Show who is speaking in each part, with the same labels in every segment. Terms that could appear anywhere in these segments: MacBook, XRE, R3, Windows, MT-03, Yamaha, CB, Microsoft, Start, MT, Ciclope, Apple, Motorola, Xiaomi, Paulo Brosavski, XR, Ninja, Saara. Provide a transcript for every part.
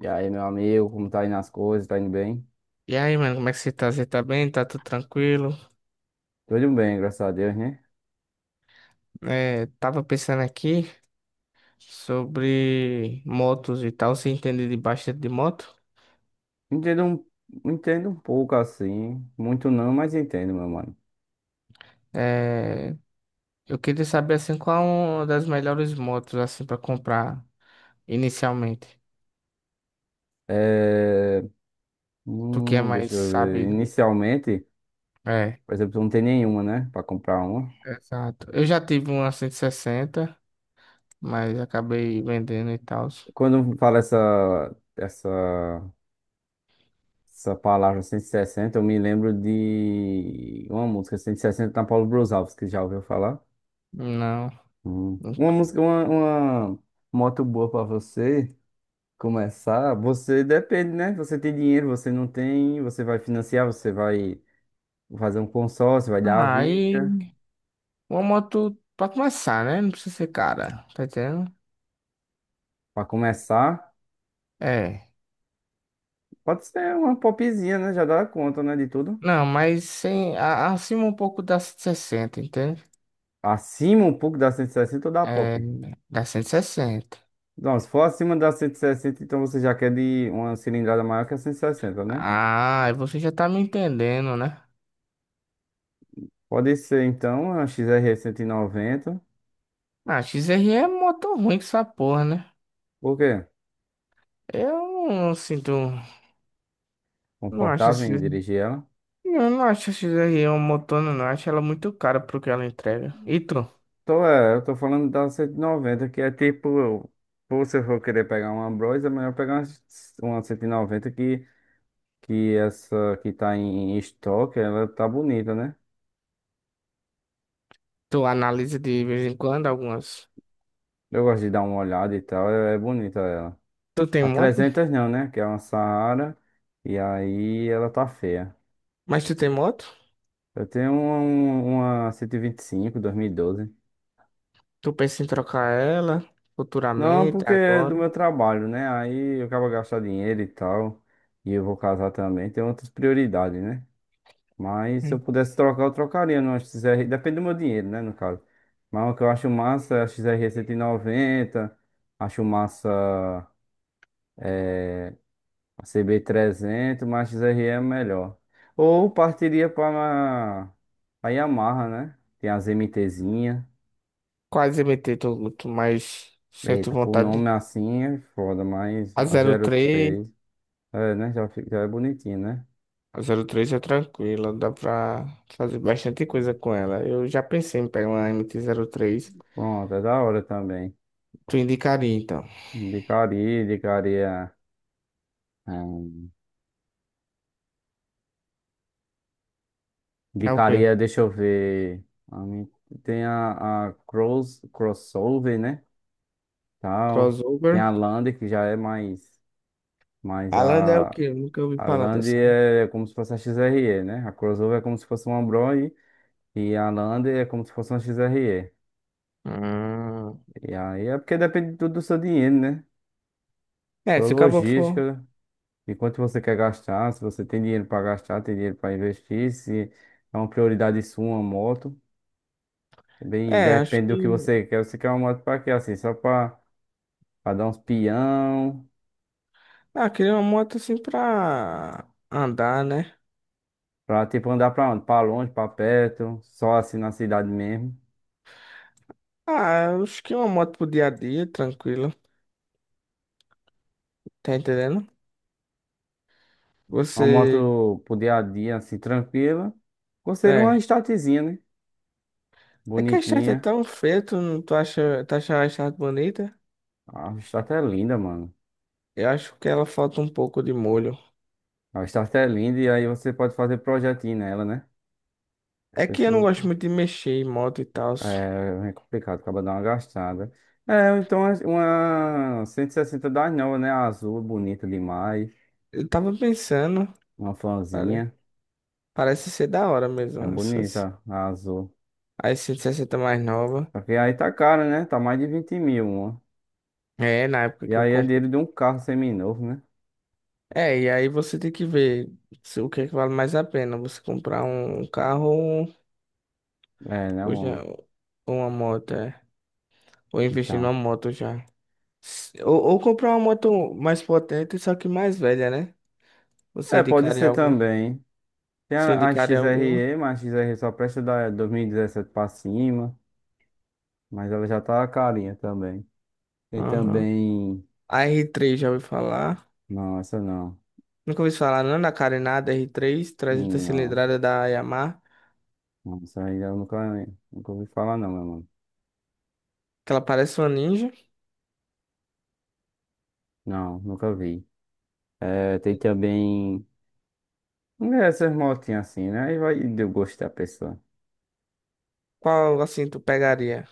Speaker 1: E aí, meu amigo, como tá indo as coisas? Tá indo bem?
Speaker 2: E aí, mano, como é que você tá? Você tá bem? Tá tudo tranquilo?
Speaker 1: Tudo bem, graças a Deus, né?
Speaker 2: É, tava pensando aqui sobre motos e tal. Você entende de bastante de moto?
Speaker 1: Entendo entendo um pouco assim, muito não, mas entendo, meu mano.
Speaker 2: É, eu queria saber, assim, qual uma das melhores motos, assim, pra comprar inicialmente.
Speaker 1: É,
Speaker 2: Tu que é mais
Speaker 1: deixa eu ver.
Speaker 2: sabido.
Speaker 1: Inicialmente,
Speaker 2: É,
Speaker 1: por exemplo, não tem nenhuma, né? Pra comprar uma.
Speaker 2: exato. Eu já tive uma 160, mas acabei vendendo e tal.
Speaker 1: Quando fala essa palavra 160, eu me lembro de uma música 160 da Paulo Brosavski, que já ouviu falar?
Speaker 2: Não,
Speaker 1: Hum. Uma
Speaker 2: nunca.
Speaker 1: música, uma, uma moto boa pra você começar. Você depende, né? Você tem dinheiro, você não tem, você vai financiar, você vai fazer um consórcio, vai dar a
Speaker 2: Ah, aí
Speaker 1: vida.
Speaker 2: uma moto pra começar, né? Não precisa ser cara, tá entendendo?
Speaker 1: Para começar,
Speaker 2: É.
Speaker 1: pode ser uma popzinha, né? Já dá conta, né? De tudo.
Speaker 2: Não, mas sim, acima um pouco da 160, entende?
Speaker 1: Acima um pouco da 160 ou da
Speaker 2: É,
Speaker 1: pop.
Speaker 2: da 160.
Speaker 1: Não, se for acima da 160, então você já quer de uma cilindrada maior que a 160, né?
Speaker 2: Ah, você já tá me entendendo, né?
Speaker 1: Pode ser, então, a XR 90.
Speaker 2: Ah, XR é moto ruim que essa porra, né?
Speaker 1: Por quê?
Speaker 2: Eu não sinto. Não acho
Speaker 1: Confortável
Speaker 2: esse.
Speaker 1: em dirigir ela.
Speaker 2: Eu não acho a XR um motor, não. Eu acho ela muito cara pro que ela entrega. E tu?
Speaker 1: Eu tô falando da 190, que é tipo, pô, se eu for querer pegar uma Bros, é melhor pegar uma 190 que essa que tá em estoque, ela tá bonita, né?
Speaker 2: Tu analisa de vez em quando algumas.
Speaker 1: Eu gosto de dar uma olhada e tal, é bonita ela.
Speaker 2: Tu tem
Speaker 1: A
Speaker 2: moto?
Speaker 1: 300 não, né? Que é uma Saara, e aí ela tá feia.
Speaker 2: Mas tu tem moto?
Speaker 1: Eu tenho uma 125, 2012.
Speaker 2: Tu pensa em trocar ela
Speaker 1: Não,
Speaker 2: futuramente,
Speaker 1: porque é do
Speaker 2: agora?
Speaker 1: meu trabalho, né? Aí eu acabo gastando dinheiro e tal, e eu vou casar também, tem outras prioridades, né? Mas se eu pudesse trocar, eu trocaria numa XR. Depende do meu dinheiro, né, no caso. Mas o que eu acho massa é a XRE 90. Acho massa a CB 300, mas a XRE é melhor. Ou partiria para a Yamaha, né? Tem as MTzinha.
Speaker 2: Quase MT, tô mais sinto
Speaker 1: Eita, por
Speaker 2: vontade
Speaker 1: nome
Speaker 2: de…
Speaker 1: assim é foda, mas
Speaker 2: A
Speaker 1: a
Speaker 2: zero três,
Speaker 1: 03. É, né? Já é bonitinho, né?
Speaker 2: a zero três é tranquila, dá pra fazer bastante coisa com ela. Eu já pensei em pegar uma MT-03.
Speaker 1: Pronto, é da hora também.
Speaker 2: Tu indicaria, então.
Speaker 1: Indicaria, indicaria. É,
Speaker 2: É o quê?
Speaker 1: indicaria, deixa eu ver. a mim- Tem a crossover, né? Tal. Tem
Speaker 2: Crossover?
Speaker 1: a Land, que já é mais. Mas
Speaker 2: A é o
Speaker 1: a,
Speaker 2: quê? Eu nunca ouvi
Speaker 1: a
Speaker 2: falar
Speaker 1: Land
Speaker 2: dessa.
Speaker 1: é como se fosse a XRE, né? A crossover é como se fosse uma Bros. E a Land é como se fosse uma XRE.
Speaker 2: Hum.
Speaker 1: E aí é porque depende tudo do seu dinheiro, né?
Speaker 2: É,
Speaker 1: Sua
Speaker 2: se o cabo for…
Speaker 1: logística, de quanto você quer gastar, se você tem dinheiro para gastar, tem dinheiro para investir, se é uma prioridade sua, uma moto. Bem,
Speaker 2: É, acho
Speaker 1: depende
Speaker 2: que…
Speaker 1: do que você quer. Você quer uma moto pra quê? Assim, só pra, dar uns pião,
Speaker 2: Ah, queria uma moto assim pra andar, né?
Speaker 1: pra tipo andar pra onde? Pra longe, pra perto, só assim na cidade mesmo.
Speaker 2: Ah, acho que uma moto pro dia a dia, tranquila. Tá entendendo?
Speaker 1: Uma
Speaker 2: Você…
Speaker 1: moto pro dia a dia, assim, tranquila. Conselho uma
Speaker 2: É.
Speaker 1: startzinha, né?
Speaker 2: É que a Start é
Speaker 1: Bonitinha.
Speaker 2: tão feia, tu, tu acha a Start bonita?
Speaker 1: A start é linda, mano.
Speaker 2: Eu acho que ela falta um pouco de molho.
Speaker 1: A start é linda e aí você pode fazer projetinho nela, né?
Speaker 2: É que
Speaker 1: Esse
Speaker 2: eu não
Speaker 1: foi-
Speaker 2: gosto muito de mexer em moto e tal.
Speaker 1: é complicado, acaba dando uma gastada. É, então uma 160 das novas, né? Azul, bonita demais.
Speaker 2: Eu tava pensando,
Speaker 1: Uma
Speaker 2: pare-
Speaker 1: fanzinha.
Speaker 2: parece ser da hora mesmo,
Speaker 1: É
Speaker 2: essas,
Speaker 1: bonita, a azul.
Speaker 2: as 160 mais nova.
Speaker 1: Só que aí tá cara, né? Tá mais de 20 mil, uma.
Speaker 2: É, na época
Speaker 1: E
Speaker 2: que eu
Speaker 1: aí é dinheiro
Speaker 2: comprei.
Speaker 1: de um carro seminovo, né?
Speaker 2: É, e aí você tem que ver se, o que é que vale mais a pena, você comprar um carro
Speaker 1: É, né,
Speaker 2: ou já,
Speaker 1: mano?
Speaker 2: ou uma moto, é. Ou investir numa
Speaker 1: Então.
Speaker 2: moto já. Ou comprar uma moto mais potente, só que mais velha, né? Você
Speaker 1: É, pode
Speaker 2: indicaria
Speaker 1: ser
Speaker 2: algum?
Speaker 1: também. Tem
Speaker 2: Você
Speaker 1: a
Speaker 2: indicaria alguma?
Speaker 1: XRE, mas a XRE só presta da 2017 pra cima. Mas ela já tá carinha também. Tem
Speaker 2: Aham.
Speaker 1: também.
Speaker 2: A R3 já ouviu falar?
Speaker 1: Não, essa não.
Speaker 2: Nunca ouvi falar, não, da carenada R3, 300
Speaker 1: Não.
Speaker 2: cilindrada da Yamaha,
Speaker 1: Não, essa aí eu nunca, ouvi falar, não, meu mano.
Speaker 2: que ela parece uma ninja.
Speaker 1: Não, nunca vi. É, tem também. Essas motinhas assim, né? Aí vai do gosto da pessoa.
Speaker 2: Qual, assim, tu pegaria?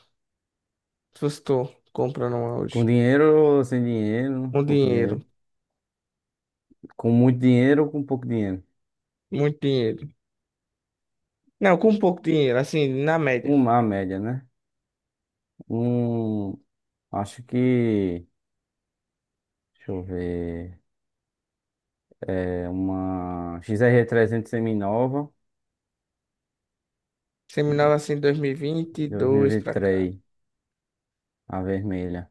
Speaker 2: Se fosse tu comprando uma
Speaker 1: Com
Speaker 2: hoje.
Speaker 1: dinheiro ou sem dinheiro?
Speaker 2: Um
Speaker 1: Pouco dinheiro.
Speaker 2: dinheiro,
Speaker 1: Com muito dinheiro ou com pouco dinheiro?
Speaker 2: muito dinheiro. Não, com pouco dinheiro, assim, na média.
Speaker 1: Uma média, né? Um, acho que, deixa eu ver, é uma XR300 seminova,
Speaker 2: Seminova, assim,
Speaker 1: dois mil e
Speaker 2: 2022
Speaker 1: vinte e
Speaker 2: pra cá.
Speaker 1: três a vermelha.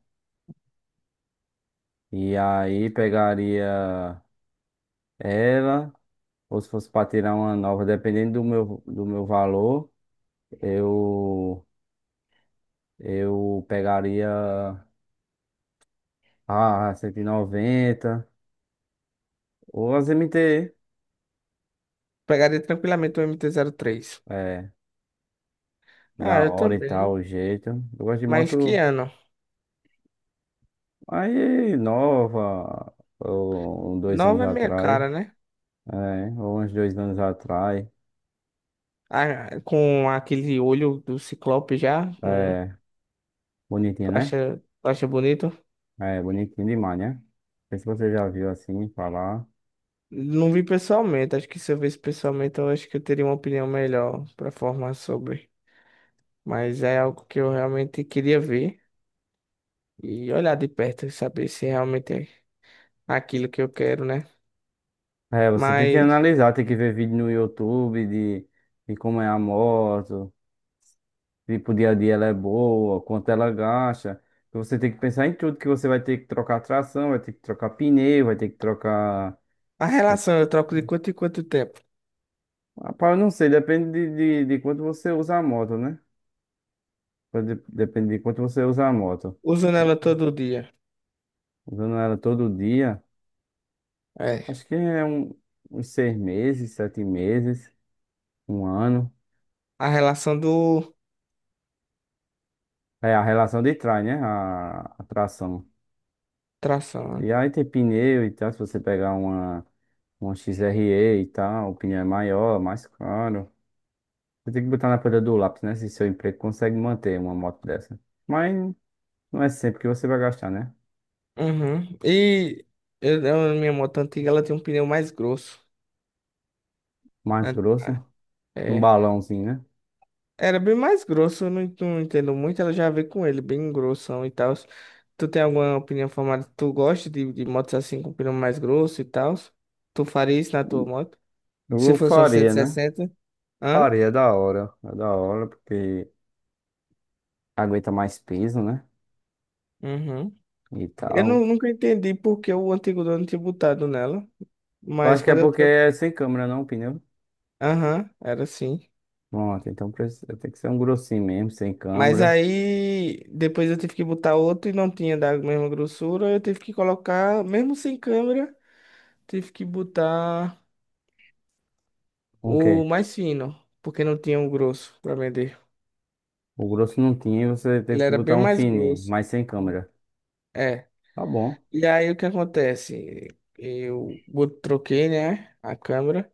Speaker 1: E aí pegaria ela, ou se fosse para tirar uma nova, dependendo do meu valor, eu, eu pegaria a 190 ou as MT,
Speaker 2: Pegaria tranquilamente o MT-03.
Speaker 1: é.
Speaker 2: Ah,
Speaker 1: Da
Speaker 2: eu
Speaker 1: hora e tal,
Speaker 2: também.
Speaker 1: o jeito. Eu gosto de
Speaker 2: Mas que
Speaker 1: moto
Speaker 2: ano?
Speaker 1: aí nova, ou um, 2 anos
Speaker 2: Nova é minha
Speaker 1: atrás,
Speaker 2: cara, né?
Speaker 1: é, ou uns 2 anos atrás.
Speaker 2: Ah, com aquele olho do Ciclope já, com,
Speaker 1: É, bonitinha, né?
Speaker 2: tu acha bonito?
Speaker 1: É, bonitinha demais, né? Não sei se você já viu assim falar.
Speaker 2: Não vi pessoalmente, acho que se eu visse pessoalmente, eu acho que eu teria uma opinião melhor para formar sobre. Mas é algo que eu realmente queria ver e olhar de perto e saber se realmente é aquilo que eu quero, né?
Speaker 1: É, você tem que
Speaker 2: Mas
Speaker 1: analisar, tem que ver vídeo no YouTube de como é a moto, tipo, dia a dia ela é boa, quanto ela gasta. Então, você tem que pensar em tudo, que você vai ter que trocar tração, vai ter que trocar pneu, vai ter que trocar.
Speaker 2: a relação eu troco de quanto em quanto tempo?
Speaker 1: Rapaz, eu não sei, depende de quanto você usa a moto, né? Depende de quanto você usa a moto.
Speaker 2: Usando ela todo dia.
Speaker 1: Usando ela todo dia,
Speaker 2: É.
Speaker 1: acho que uns 6 meses, 7 meses, um ano.
Speaker 2: A relação do
Speaker 1: É a relação de trás, né? A tração.
Speaker 2: tração, né?
Speaker 1: E aí tem pneu e tal, se você pegar uma XRE e tal, o pneu é maior, mais caro. Você tem que botar na pedra do lápis, né? Se seu emprego consegue manter uma moto dessa. Mas não é sempre que você vai gastar, né?
Speaker 2: Uhum. E minha moto antiga, ela tem um pneu mais grosso.
Speaker 1: Mais
Speaker 2: Né?
Speaker 1: grosso. Um
Speaker 2: É,
Speaker 1: balãozinho, né?
Speaker 2: era bem mais grosso, eu não, não entendo muito. Ela já veio com ele, bem grossão e tal. Tu tem alguma opinião formada? Tu gosta de motos assim com pneu mais grosso e tal? Tu faria isso na tua moto? Se
Speaker 1: Eu
Speaker 2: fosse um
Speaker 1: faria, né?
Speaker 2: 160? Hã?
Speaker 1: Faria, é da hora. É da hora, porque aguenta mais peso, né?
Speaker 2: Uhum.
Speaker 1: E
Speaker 2: Eu
Speaker 1: tal.
Speaker 2: nunca entendi porque o antigo dono tinha botado nela.
Speaker 1: Eu
Speaker 2: Mas
Speaker 1: acho que é
Speaker 2: quando eu
Speaker 1: porque
Speaker 2: troquei.
Speaker 1: é sem câmera, não, o pneu.
Speaker 2: Aham, era assim.
Speaker 1: Pronto, então tem que ser um grossinho mesmo, sem
Speaker 2: Mas
Speaker 1: câmera.
Speaker 2: aí depois eu tive que botar outro e não tinha da mesma grossura. Eu tive que colocar, mesmo sem câmera, tive que botar.
Speaker 1: Um
Speaker 2: O
Speaker 1: quê?
Speaker 2: mais fino, porque não tinha um grosso para vender.
Speaker 1: O grosso não tinha, você
Speaker 2: Ele
Speaker 1: teve que
Speaker 2: era bem
Speaker 1: botar um
Speaker 2: mais
Speaker 1: fininho,
Speaker 2: grosso.
Speaker 1: mas sem câmera.
Speaker 2: É.
Speaker 1: Tá bom.
Speaker 2: E aí o que acontece? Eu troquei, né, a câmera.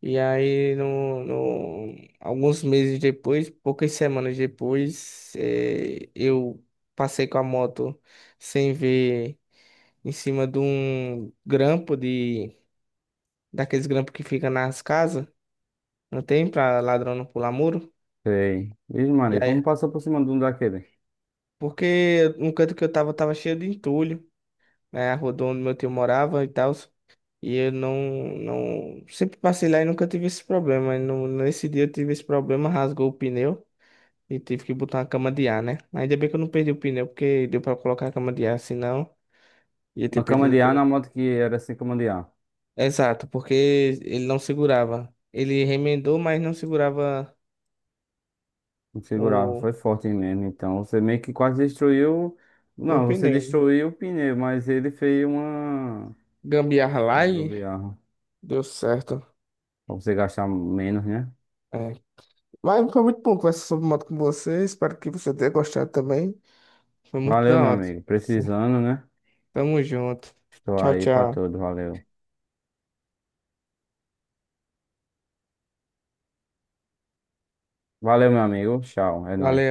Speaker 2: E aí, alguns meses depois, poucas semanas depois, eu passei com a moto sem ver em cima de um grampo de daqueles grampos que fica nas casas. Não tem pra ladrão não pular muro.
Speaker 1: Sei. Vixe,
Speaker 2: E
Speaker 1: Maria, vamos
Speaker 2: aí,
Speaker 1: passar por cima de um daquele.
Speaker 2: porque no canto que eu tava, tava cheio de entulho. Né, a rua do onde meu tio morava e tal. E eu não, não. Sempre passei lá e nunca tive esse problema. E nesse dia eu tive esse problema, rasgou o pneu e tive que botar uma cama de ar, né? Ainda bem que eu não perdi o pneu, porque deu pra colocar a cama de ar, senão ia ter
Speaker 1: Uma cama
Speaker 2: perdido o
Speaker 1: de ar
Speaker 2: pneu.
Speaker 1: na moto que era sem cama de ar.
Speaker 2: Exato, porque ele não segurava. Ele remendou, mas não segurava
Speaker 1: Configurava,
Speaker 2: o,
Speaker 1: foi forte mesmo. Então, você meio que quase destruiu.
Speaker 2: o
Speaker 1: Não, você
Speaker 2: pneu.
Speaker 1: destruiu o pneu, mas ele fez uma,
Speaker 2: Gambiarra
Speaker 1: uma
Speaker 2: lá e
Speaker 1: gambiarra.
Speaker 2: deu certo.
Speaker 1: Pra você gastar menos, né?
Speaker 2: É. Mas foi muito bom conversar sobre moto com você. Espero que você tenha gostado também. Foi muito
Speaker 1: Valeu,
Speaker 2: da
Speaker 1: meu
Speaker 2: hora.
Speaker 1: amigo. Precisando, né?
Speaker 2: Tamo junto.
Speaker 1: Estou
Speaker 2: Tchau,
Speaker 1: aí pra
Speaker 2: tchau.
Speaker 1: tudo, valeu. Valeu, meu amigo. Tchau, é nóis.
Speaker 2: Valeu.